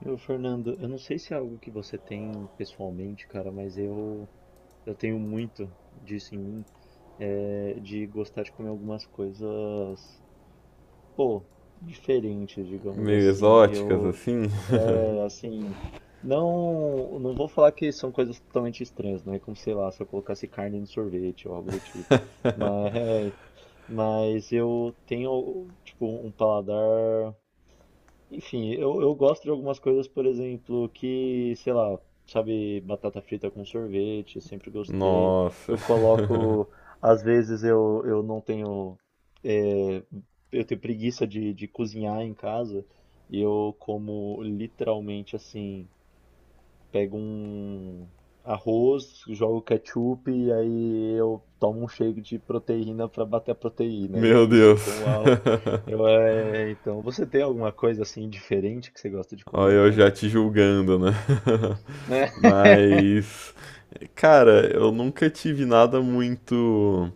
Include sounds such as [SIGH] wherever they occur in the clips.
Meu, Fernando, eu não sei se é algo que você tem pessoalmente, cara, mas eu tenho muito disso em mim, é, de gostar de comer algumas coisas, pô, diferentes, digamos Meio assim. exóticas assim. Assim, não vou falar que são coisas totalmente estranhas, não é como, sei lá, se eu colocasse carne no sorvete ou algo do tipo. Mas, mas eu tenho, tipo, um paladar. Enfim, eu gosto de algumas coisas, por exemplo, que, sei lá, sabe, batata frita com sorvete, sempre gostei. Nossa. Eu [LAUGHS] coloco, às vezes eu não tenho, é, eu tenho preguiça de cozinhar em casa e eu como literalmente assim. Pego um arroz, jogo ketchup e aí eu tomo um shake de proteína para bater a proteína. E é Meu isso, eu Deus. como arroz. Você tem alguma coisa assim diferente que você gosta de Olha, comer, eu cara? já te julgando, né? [LAUGHS] Né? [LAUGHS] Mas, cara, eu nunca tive nada muito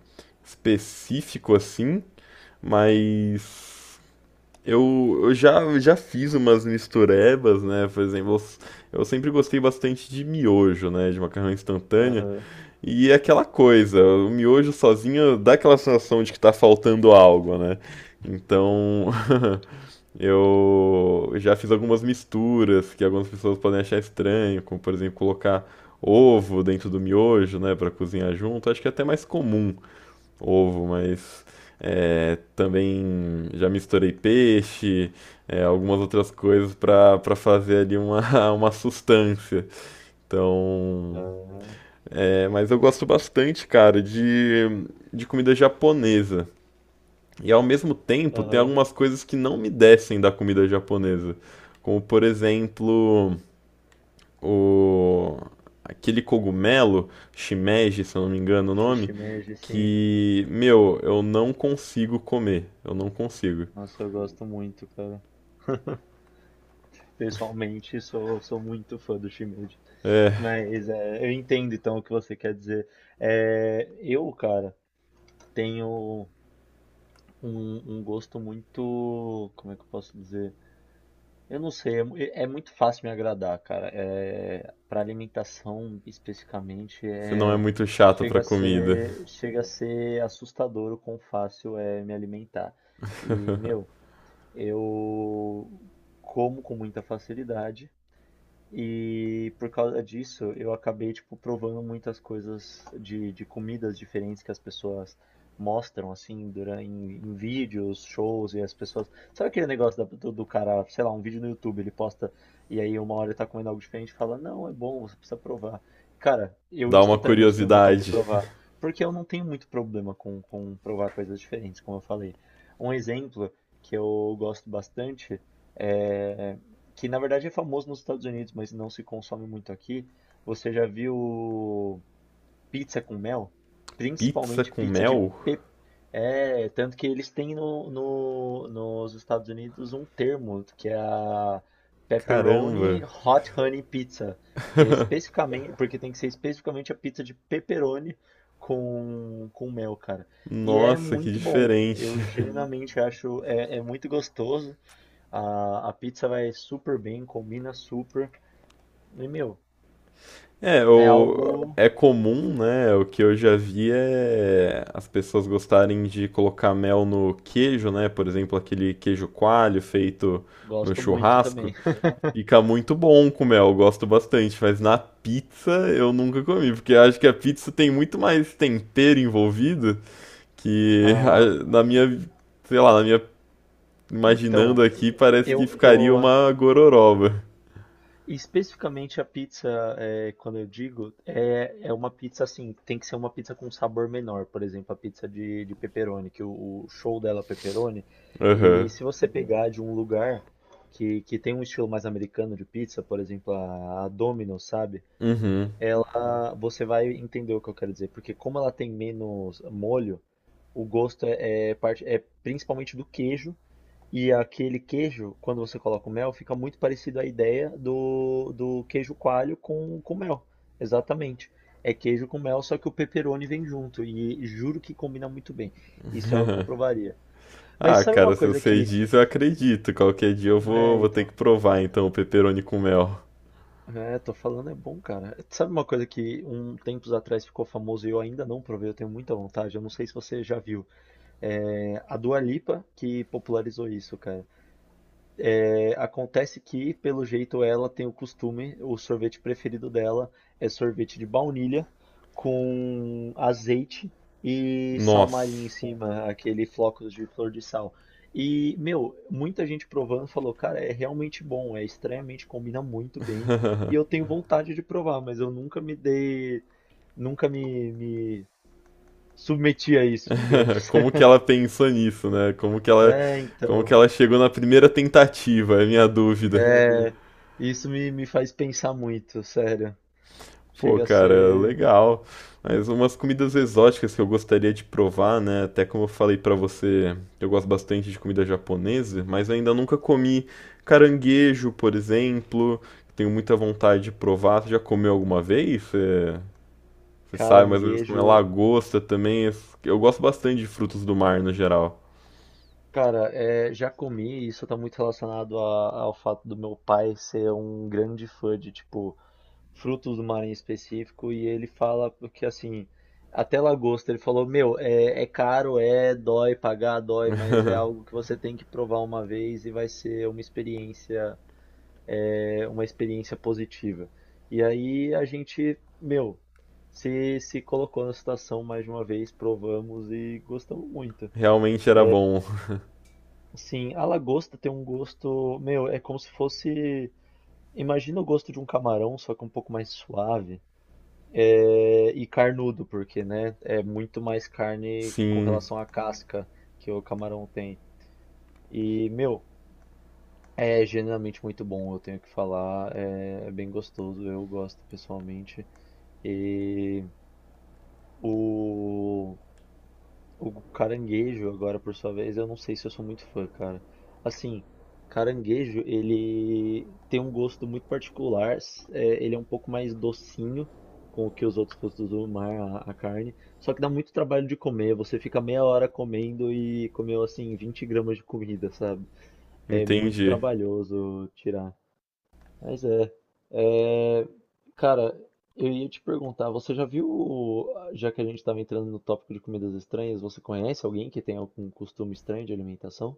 específico assim, mas eu já, já fiz umas misturebas, né? Por exemplo, eu sempre gostei bastante de miojo, né? De macarrão instantânea. Aham, E é aquela coisa, o miojo sozinho dá aquela sensação de que tá faltando algo, né? Então, [LAUGHS] eu já fiz algumas misturas que algumas pessoas podem achar estranho, como por exemplo colocar ovo dentro do miojo, né, para cozinhar junto. Acho que é até mais comum ovo, mas é, também já misturei peixe, é, algumas outras coisas para fazer ali uma, [LAUGHS] uma sustância. Então, aham, é, mas eu gosto bastante, cara, de comida japonesa. E ao mesmo tempo, tem aham. algumas coisas que não me descem da comida japonesa. Como, por exemplo, o aquele cogumelo, shimeji, se eu não me engano o nome, Shimeji, sim. que, meu, eu não consigo comer. Eu não consigo. Nossa, eu gosto muito, cara. Pessoalmente, sou muito fã do shimeji. É, Mas é, eu entendo então o que você quer dizer. É, eu, cara, tenho um gosto muito, como é que eu posso dizer? Eu não sei, é, é muito fácil me agradar, cara. É, para alimentação especificamente, você não é é, muito chata pra comida. Chega a ser assustador o quão fácil é me alimentar. E, meu, eu como com muita facilidade. E por causa disso, eu acabei, tipo, provando muitas coisas de comidas diferentes que as pessoas mostram, assim, durante, em vídeos, shows, e as pessoas... Sabe aquele negócio do cara, sei lá, um vídeo no YouTube, ele posta, e aí uma hora ele tá comendo algo diferente e fala, não, é bom, você precisa provar. Cara, eu Dá uma instantaneamente tenho vontade de curiosidade. provar, porque eu não tenho muito problema com provar coisas diferentes, como eu falei. Um exemplo que eu gosto bastante é que na verdade é famoso nos Estados Unidos, mas não se consome muito aqui. Você já viu pizza com mel? Pizza Principalmente com pizza de mel? pe... é, tanto que eles têm nos Estados Unidos um termo, que é a Caramba. Pepperoni Hot Honey Pizza, que é especificamente, porque tem que ser especificamente a pizza de pepperoni com mel, cara. E é Nossa, que muito bom. diferente. Eu Uhum. genuinamente acho, é, é muito gostoso. A pizza vai super bem, combina super. E, meu, É, é o... algo. é comum, né? O que eu já vi é as pessoas gostarem de colocar mel no queijo, né? Por exemplo, aquele queijo coalho feito no Gosto muito churrasco. também. [LAUGHS] Fica muito bom com mel, eu gosto bastante. Mas na pizza eu nunca comi, porque eu acho que a pizza tem muito mais tempero envolvido que [LAUGHS] Ah, a- na minha, sei lá, na minha imaginando então, aqui, parece que ficaria eu uma gororoba. especificamente a pizza, é, quando eu digo, é, é uma pizza assim, tem que ser uma pizza com sabor menor. Por exemplo, a pizza de pepperoni, que o show dela é pepperoni. E Aham. se você pegar de um lugar que tem um estilo mais americano de pizza, por exemplo, a Domino's, sabe? Uhum. Ela, você vai entender o que eu quero dizer, porque como ela tem menos molho, o gosto é, é parte, é principalmente do queijo, e aquele queijo, quando você coloca o mel, fica muito parecido à ideia do queijo coalho com mel. Exatamente. É queijo com mel, só que o pepperoni vem junto, e juro que combina muito bem. Isso é algo que eu provaria. Mas Ah, sabe uma cara, se coisa você que... diz, eu acredito. Qualquer dia eu vou, É, vou ter então. que provar, então, o pepperoni com mel. É, tô falando, é bom, cara. Sabe uma coisa que um tempos atrás ficou famoso e eu ainda não provei, eu tenho muita vontade, eu não sei se você já viu. É a Dua Lipa que popularizou isso, cara. É, acontece que, pelo jeito, ela tem o costume, o sorvete preferido dela é sorvete de baunilha com azeite e sal Nossa, marinho em cima, aquele flocos de flor de sal. E, meu, muita gente provando falou, cara, é realmente bom, é estranhamente, combina muito bem. E eu tenho vontade de provar, mas eu nunca me dei, nunca me, me submeti a isso, [LAUGHS] digamos. como que ela pensou nisso, né? É, Como que então, ela chegou na primeira tentativa, é a minha dúvida. é, me faz pensar muito, sério. Pô, Chega a cara, ser legal. Mas umas comidas exóticas que eu gostaria de provar, né? Até como eu falei pra você, eu gosto bastante de comida japonesa, mas ainda nunca comi caranguejo, por exemplo. Tenho muita vontade de provar. Você já comeu alguma vez? É... Você sabe mais ou menos como é caranguejo. lagosta também. Es- Eu gosto bastante de frutos do mar no geral. Cara, é, já comi, e isso tá muito relacionado ao fato do meu pai ser um grande fã de, tipo, frutos do mar em específico, e ele fala porque assim, até lagosta, ele falou, meu, é, é caro, é, dói, pagar dói, mas é algo que você tem que provar uma vez e vai ser uma experiência, é, uma experiência positiva. E aí a gente, meu, se colocou na situação mais de uma vez, provamos e gostamos muito. Realmente era bom. [LAUGHS] Sim, a lagosta tem um gosto, meu, é como se fosse, imagina o gosto de um camarão, só que um pouco mais suave, é, e carnudo, porque, né, é muito mais carne com Sim, relação à casca que o camarão tem. E, meu, é genuinamente muito bom, eu tenho que falar, é, é bem gostoso, eu gosto pessoalmente. E o O caranguejo, agora por sua vez, eu não sei se eu sou muito fã, cara. Assim, caranguejo, ele tem um gosto muito particular. É, ele é um pouco mais docinho com o que os outros frutos do mar, a carne. Só que dá muito trabalho de comer. Você fica meia hora comendo e comeu, assim, 20 gramas de comida, sabe? É muito entendi. trabalhoso tirar. Mas é, cara, eu ia te perguntar, você já viu, já que a gente estava entrando no tópico de comidas estranhas, você conhece alguém que tem algum costume estranho de alimentação?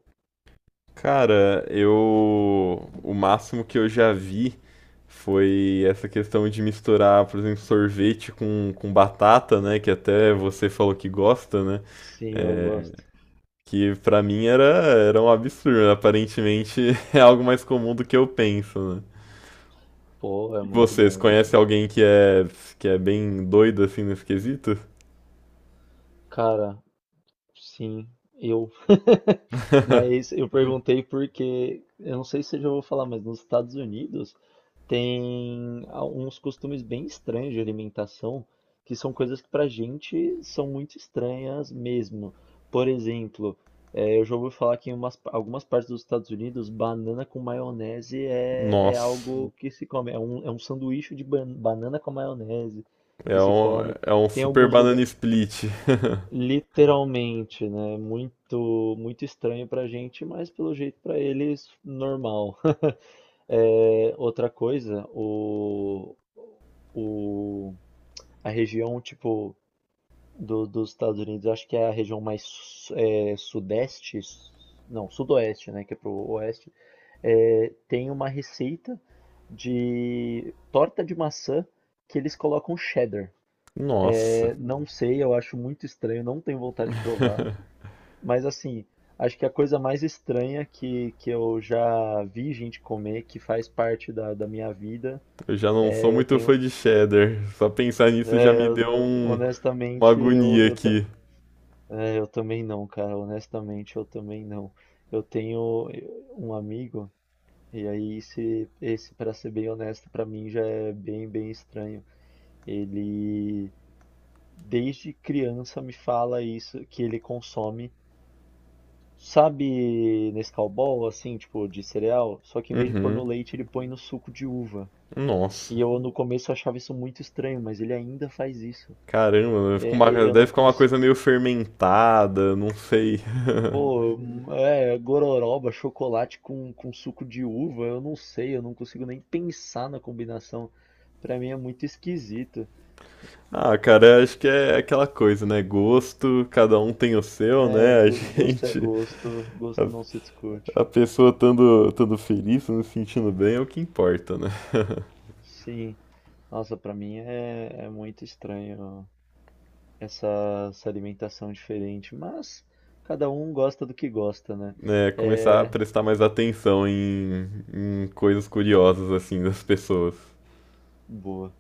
Cara, eu. O máximo que eu já vi foi essa questão de misturar, por exemplo, sorvete com batata, né? Que até você falou que gosta, né? Sim, eu É, gosto. que pra mim era, era um absurdo. Aparentemente [LAUGHS] é algo mais comum do que eu penso, né? Pô, é E muito vocês bom. Se conhecem você- alguém que é bem doido assim nesse quesito? cara, sim, eu. [LAUGHS] [LAUGHS] Mas eu perguntei porque, eu não sei se eu já vou falar, mas nos Estados Unidos uns costumes bem estranhos de alimentação, que são coisas que pra gente são muito estranhas mesmo. Por exemplo, eu já ouvi falar que em algumas partes dos Estados Unidos, banana com maionese é, é Nossa. algo que se come. É um sanduíche de banana com maionese que se come. É um Tem super alguns banana lugares, split. literalmente, né? Muito, muito estranho pra gente, mas pelo jeito pra eles, normal. É, outra coisa, o, a região tipo dos Estados Unidos, eu acho que é a região mais sudeste, s- não, sudoeste, né, que é pro oeste, é, tem uma receita de torta de maçã que eles colocam cheddar. [LAUGHS] Nossa. É, não sei, eu acho muito estranho, não tenho vontade de [LAUGHS] provar, mas assim, acho que a coisa mais estranha que eu já vi gente comer, que faz parte da minha vida, Eu já não sou é, eu muito tenho. fã de cheddar. Só pensar nisso já é, me eu- deu um- uma honestamente, agonia aqui. Eu também não, cara. Honestamente, eu também não. Eu tenho um amigo, e aí esse para ser bem honesto, pra mim já é bem, bem estranho. Ele, desde criança, me fala isso, que ele consome. Sabe Nescau Ball, assim, tipo, de cereal? Só que em vez de pôr no Uhum. leite, ele põe no suco de uva. Nossa. E eu no começo achava isso muito estranho, mas ele ainda faz isso. Caramba, Eu deve não ficar uma consigo. coisa meio fermentada, não sei. [LAUGHS] Pô, é, gororoba, chocolate com suco de uva, eu não sei, eu não consigo nem pensar na combinação. Pra mim é muito esquisito. Ah, cara, acho que é aquela coisa, né? Gosto, cada um tem o seu, né? [LAUGHS] A Gosto é gente, gosto, gosto não se a, discute. a pessoa estando, estando feliz, se sentindo bem, é o que importa, né? Sim, nossa, pra mim é, é muito estranho essa, essa alimentação diferente, mas cada um gosta do que gosta, né? Né começar a É, prestar mais atenção em, em coisas curiosas assim das pessoas. boa.